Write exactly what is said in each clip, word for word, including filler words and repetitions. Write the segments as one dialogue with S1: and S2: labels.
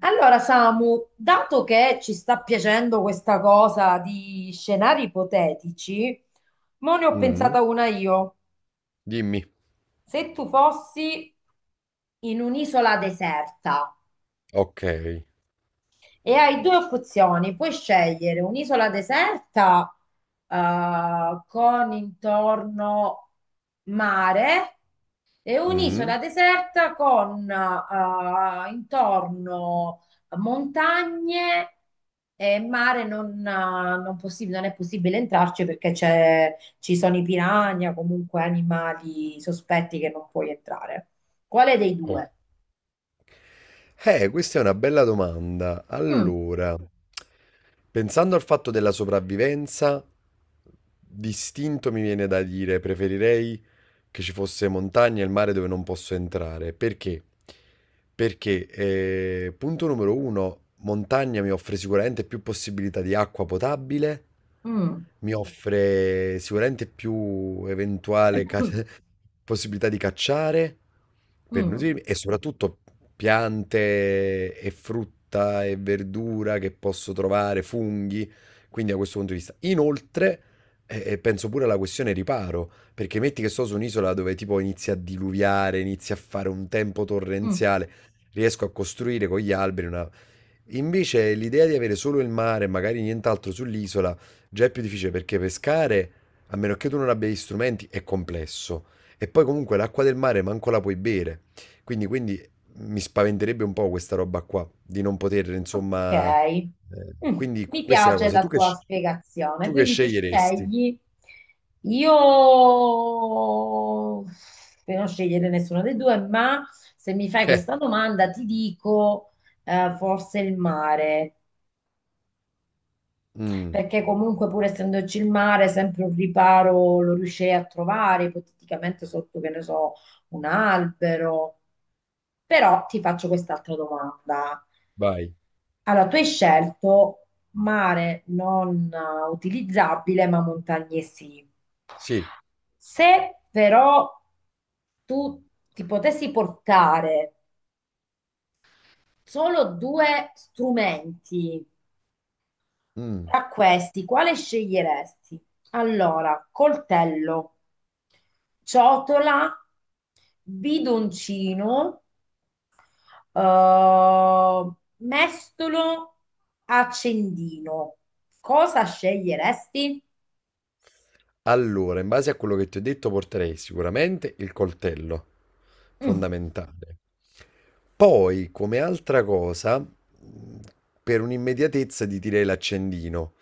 S1: Allora, Samu, dato che ci sta piacendo questa cosa di scenari ipotetici, mo ne ho
S2: Mh.
S1: pensata una io.
S2: Dimmi.
S1: Se tu fossi in un'isola deserta
S2: Okay.
S1: e hai due opzioni, puoi scegliere un'isola deserta eh, con intorno mare. È
S2: Mh.
S1: un'isola deserta con eh, intorno montagne e mare non, eh, non possi- non è possibile entrarci perché c'è- ci sono i piranha, comunque animali sospetti che non puoi entrare. Quale dei
S2: O
S1: due?
S2: eh, Questa è una bella domanda.
S1: Mm,
S2: Allora, pensando al fatto della sopravvivenza, d'istinto mi viene da dire, preferirei che ci fosse montagna e il mare dove non posso entrare. Perché? Perché, eh, punto numero uno, montagna mi offre sicuramente più possibilità di acqua potabile,
S1: mm,
S2: mi offre sicuramente più eventuale ca- possibilità di cacciare per
S1: mm,
S2: nutrirmi e soprattutto piante e frutta e verdura che posso trovare, funghi, quindi da questo punto di vista. Inoltre, eh, penso pure alla questione riparo. Perché metti che sto su un'isola dove tipo inizia a diluviare, inizia a fare un tempo
S1: mm.
S2: torrenziale, riesco a costruire con gli alberi una. Invece l'idea di avere solo il mare e magari nient'altro sull'isola già è più difficile perché pescare, a meno che tu non abbia gli strumenti, è complesso. E poi comunque l'acqua del mare manco la puoi bere. Quindi, quindi mi spaventerebbe un po' questa roba qua, di non poter,
S1: Ok,
S2: insomma... eh,
S1: mm,
S2: quindi
S1: mi
S2: questa è la
S1: piace
S2: cosa.
S1: la
S2: Tu che,
S1: tua
S2: sc-
S1: spiegazione,
S2: tu che
S1: quindi tu
S2: sceglieresti?
S1: scegli, io per non scegliere nessuno dei due, ma se mi fai questa domanda ti dico eh, forse il mare,
S2: Eh, mm,
S1: perché comunque pur essendoci il mare, sempre un riparo lo riuscirei a trovare, ipoteticamente sotto, che ne so, un albero. Però ti faccio quest'altra domanda.
S2: vai.
S1: Allora, tu hai scelto mare non eh, utilizzabile, ma montagne sì.
S2: Sì.
S1: Se però tu ti potessi portare solo due strumenti,
S2: Mh.
S1: tra questi, quale sceglieresti? Allora, coltello, ciotola, bidoncino, eh, mestolo, accendino. Cosa sceglieresti?
S2: Allora, in base a quello che ti ho detto porterei sicuramente il coltello,
S1: Mm,
S2: fondamentale. Poi, come altra cosa, mhmm, per un'immediatezza ti direi l'accendino,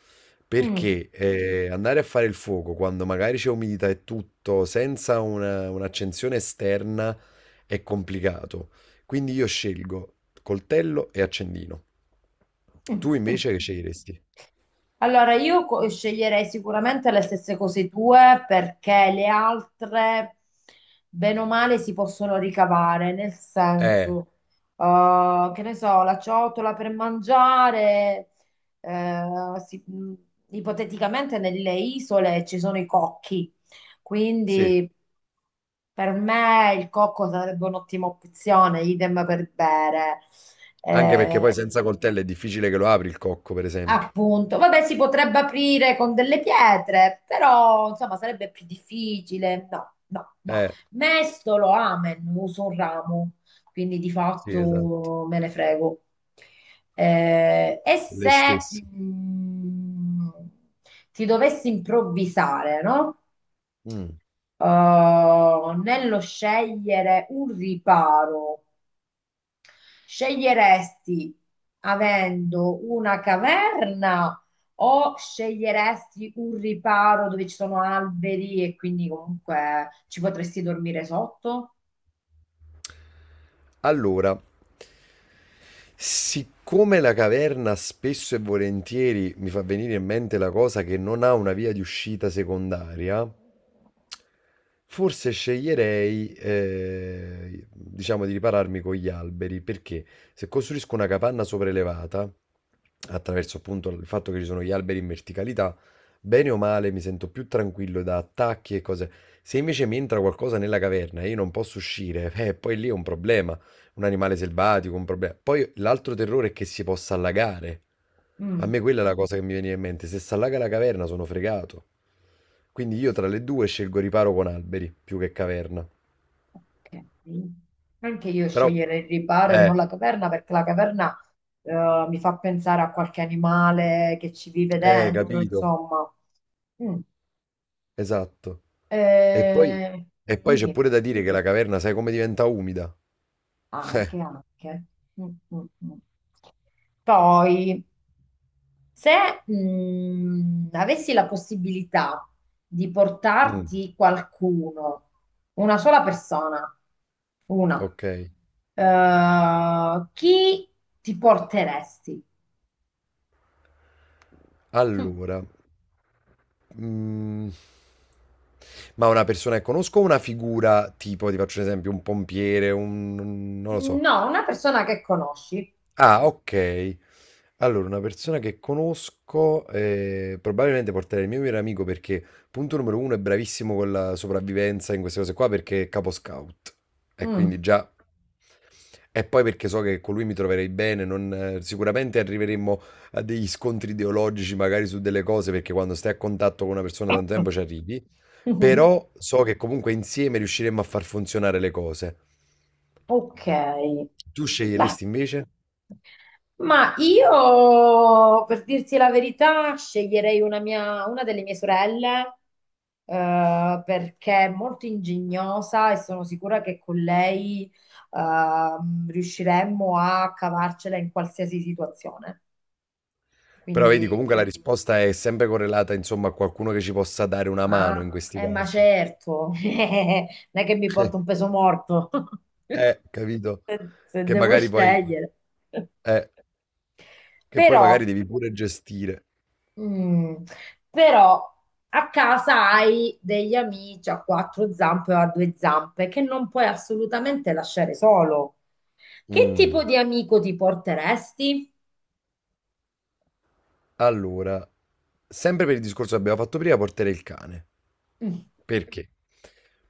S1: mm,
S2: perché, ehm, andare a fare il fuoco quando magari c'è umidità e tutto, senza una un'accensione esterna è complicato. Quindi io scelgo coltello e accendino.
S1: mm,
S2: Tu
S1: mm.
S2: invece che sceglieresti?
S1: Allora, io co- sceglierei sicuramente le stesse cose tue perché le altre, bene o male, si possono ricavare, nel
S2: Eh,
S1: senso, eh, che ne so, la ciotola per mangiare, eh, si- mh, ipoteticamente nelle isole ci sono i cocchi,
S2: sì.
S1: quindi per me il cocco sarebbe un'ottima opzione, idem per bere.
S2: Anche perché poi
S1: Eh,
S2: senza coltello è difficile che lo apri il cocco, per esempio.
S1: Appunto, vabbè, si potrebbe aprire con delle pietre, però insomma sarebbe più difficile. No, no, no.
S2: Eh,
S1: Mestolo, amen, uso un ramo, quindi di
S2: sì, esatto.
S1: fatto me ne frego. Eh, e
S2: Le
S1: se
S2: stesse.
S1: mh, ti dovessi improvvisare, no?
S2: Mm.
S1: Eh, nello scegliere un riparo. Sceglieresti avendo una caverna o sceglieresti un riparo dove ci sono alberi e quindi comunque ci potresti dormire sotto?
S2: Allora, siccome la caverna spesso e volentieri mi fa venire in mente la cosa che non ha una via di uscita secondaria, forse sceglierei, eh, diciamo, di ripararmi con gli alberi, perché se costruisco una capanna sopraelevata, attraverso appunto il fatto che ci sono gli alberi in verticalità, bene o male mi sento più tranquillo da attacchi e cose. Se invece mi entra qualcosa nella caverna e io non posso uscire, eh, poi lì è un problema un animale selvatico, un problema. Poi l'altro terrore è che si possa allagare. A
S1: Mm,
S2: me quella è la cosa che mi veniva in mente. Se si allaga la caverna sono fregato. Quindi io tra le due scelgo riparo con alberi più che caverna.
S1: ok. Anche io
S2: Però,
S1: sceglierei il riparo e
S2: eh,
S1: non la caverna perché la caverna eh, mi fa pensare a qualche animale che ci vive
S2: eh,
S1: dentro,
S2: capito.
S1: insomma. Mm.
S2: Esatto. E poi,
S1: Eh,
S2: e poi c'è
S1: dimmi,
S2: pure da dire che la caverna, sai come diventa umida?
S1: anche, anche. Mm, mm, mm. Poi Se mh, Avessi la possibilità di
S2: Eh, mm,
S1: portarti qualcuno, una sola persona, una,
S2: ok.
S1: eh, chi ti porteresti? Hm.
S2: Allora, Mhmm, ma una persona che conosco o una figura tipo, ti faccio un esempio, un pompiere, un n non lo so.
S1: No, una persona che conosci.
S2: Ah, okay. Allora una persona che conosco, ehm, probabilmente porterei il mio migliore amico perché, punto numero uno, è bravissimo con la sopravvivenza in queste cose qua perché è capo scout e
S1: Mm.
S2: quindi già e poi perché so che con lui mi troverei bene, non eh, sicuramente arriveremmo a degli scontri ideologici magari su delle cose, perché quando stai a contatto con una persona da tanto tempo ci arrivi. Però so che comunque insieme riusciremmo a far funzionare le cose.
S1: Ok,
S2: Tu
S1: beh,
S2: sceglieresti invece?
S1: ma io, per dirti la verità, sceglierei una mia- una delle mie sorelle, eh, perché è molto ingegnosa e sono sicura che con lei, ehm, riusciremmo a cavarcela in qualsiasi situazione.
S2: Però vedi, comunque
S1: Quindi,
S2: la risposta è sempre correlata, insomma, a qualcuno che ci possa dare una mano in
S1: ah,
S2: questi
S1: eh, ma
S2: casi.
S1: certo, non è che mi porto un peso morto,
S2: Eh, capito?
S1: se se
S2: Che
S1: devo
S2: magari poi,
S1: scegliere.
S2: eh, che poi
S1: Però
S2: magari devi pure gestire.
S1: mm, però a casa hai degli amici a quattro zampe o a due zampe che non puoi assolutamente lasciare solo. Che tipo
S2: Mm.
S1: di amico ti porteresti?
S2: Allora, sempre per il discorso che abbiamo fatto prima, porterei il cane.
S1: Mm.
S2: Perché?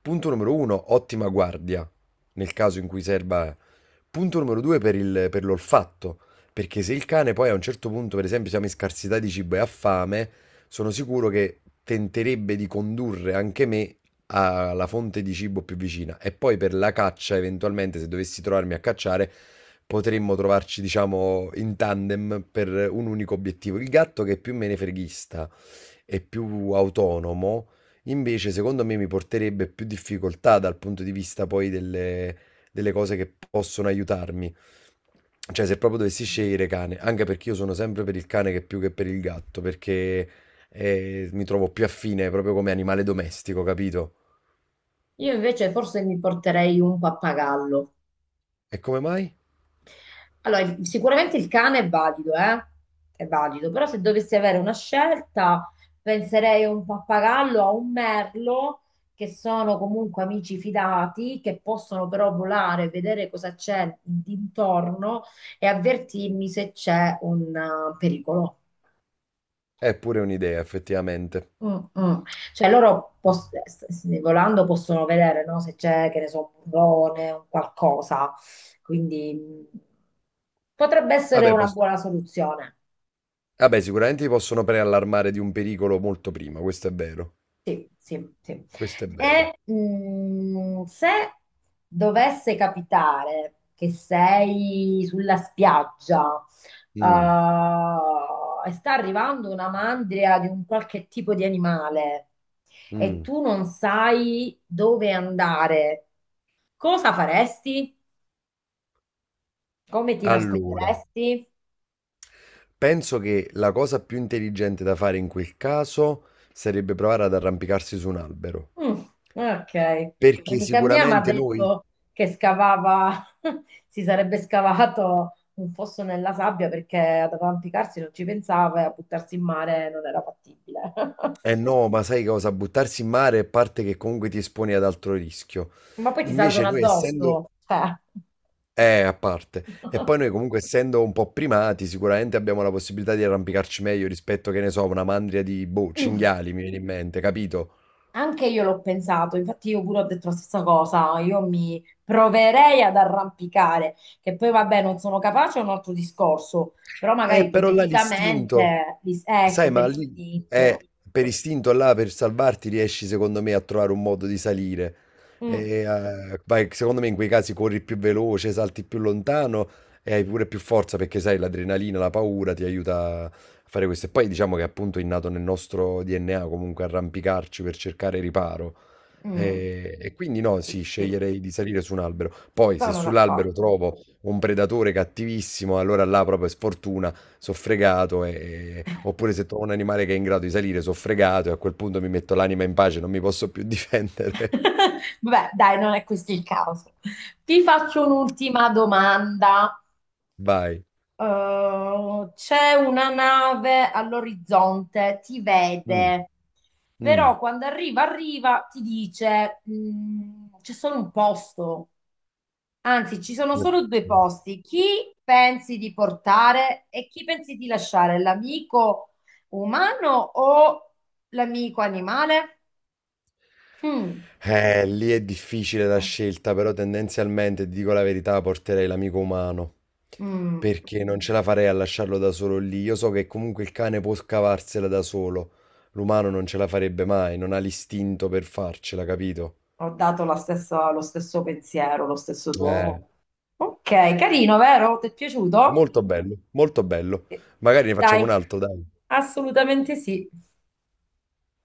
S2: Punto numero uno, ottima guardia, nel caso in cui serva. Punto numero due, per il- per l'olfatto. Perché se il cane poi a un certo punto, per esempio, siamo in scarsità di cibo e ha fame, sono sicuro che tenterebbe di condurre anche me alla fonte di cibo più vicina e poi per la caccia, eventualmente, se dovessi trovarmi a cacciare, potremmo trovarci, diciamo, in tandem per un unico obiettivo. Il gatto che è più menefreghista e più autonomo, invece, secondo me mi porterebbe più difficoltà dal punto di vista poi delle, delle cose che possono aiutarmi. Cioè, se proprio dovessi scegliere cane, anche perché io sono sempre per il cane che più che per il gatto, perché eh, mi trovo più affine proprio come animale domestico, capito?
S1: Io invece forse mi porterei un pappagallo.
S2: E come mai?
S1: Allora, il- sicuramente il cane è valido, eh? È valido, però se dovessi avere una scelta, penserei a un pappagallo, a un merlo, che sono comunque amici fidati, che possono però volare, vedere cosa c'è d'intorno e avvertirmi se c'è un eh, pericolo.
S2: È pure un'idea, effettivamente.
S1: Mm, mm. Cioè loro pos- s- s- volando possono vedere, no? Se c'è, che ne so, un burrone, un qualcosa. Quindi mm, potrebbe essere
S2: Vabbè,
S1: una
S2: pos-
S1: buona soluzione.
S2: vabbè, sicuramente ti possono preallarmare di un pericolo molto prima, questo è vero.
S1: Sì, sì, sì.
S2: Questo è vero.
S1: E mh, se dovesse capitare che sei sulla spiaggia eh,
S2: Mm,
S1: e sta arrivando una mandria di un qualche tipo di animale e
S2: mm.
S1: tu non sai dove andare, cosa faresti? Come ti
S2: Allora,
S1: nasconderesti?
S2: penso che la cosa più intelligente da fare in quel caso sarebbe provare ad arrampicarsi su un albero.
S1: Mm, ok,
S2: Perché
S1: un'amica mia mi ha
S2: sicuramente noi.
S1: detto che scavava, si sarebbe scavato un fosso nella sabbia perché ad arrampicarsi non ci pensava e a buttarsi in mare non era fattibile.
S2: Eh no, ma sai cosa? Buttarsi in mare è parte che comunque ti esponi ad altro rischio.
S1: Ma poi ti
S2: Invece
S1: salgono
S2: noi essendo.
S1: addosso, cioè.
S2: Eh, a parte. E poi noi comunque essendo un po' primati, sicuramente abbiamo la possibilità di arrampicarci meglio rispetto, che ne so, a una mandria di boh, cinghiali, mi viene in mente, capito?
S1: Anche io l'ho pensato, infatti io pure ho detto la stessa cosa, io mi proverei ad arrampicare, che poi vabbè non sono capace è un altro discorso, però magari
S2: Eh, però là l'istinto,
S1: ipoteticamente, dis- ecco,
S2: sai,
S1: per
S2: ma lì
S1: istinto.
S2: eh, per istinto là, per salvarti, riesci secondo me a trovare un modo di salire.
S1: Mm,
S2: E, eh, vai, secondo me in quei casi corri più veloce, salti più lontano e hai pure più forza perché sai, l'adrenalina, la paura ti aiuta a fare questo. E poi diciamo che appunto è innato nel nostro D N A comunque arrampicarci per cercare riparo.
S1: mm.
S2: E, e quindi no,
S1: Sì,
S2: sì,
S1: sì,
S2: sceglierei di salire su un albero. Poi se
S1: sono
S2: sull'albero
S1: d'accordo.
S2: trovo un predatore cattivissimo, allora là proprio è sfortuna so' fregato, e oppure se trovo un animale che è in grado di salire, so' fregato e a quel punto mi metto l'anima in pace, non mi posso più difendere.
S1: Vabbè, dai, non è questo il caso. Ti faccio un'ultima domanda.
S2: Vai.
S1: Eh, c'è una nave all'orizzonte, ti
S2: Mh.
S1: vede,
S2: Mh.
S1: però quando arriva, arriva, ti dice, "Mm, c'è solo un posto, anzi, ci sono solo due posti. Chi pensi di portare e chi pensi di lasciare? L'amico umano o l'amico animale? Mm.
S2: Eh, lì è difficile la scelta, però tendenzialmente, ti dico la verità, porterei l'amico umano,
S1: Mm,
S2: perché non ce la farei a lasciarlo da solo lì. Io so che comunque il cane può scavarsela da solo, l'umano non ce la farebbe mai, non ha l'istinto per farcela, capito?
S1: ho dato la stessa- lo stesso pensiero, lo stesso tuo.
S2: Eh.
S1: Ok, carino, vero? Ti è piaciuto?
S2: Molto bello, molto bello.
S1: Eh,
S2: Magari ne facciamo
S1: Dai,
S2: un altro, dai.
S1: assolutamente sì.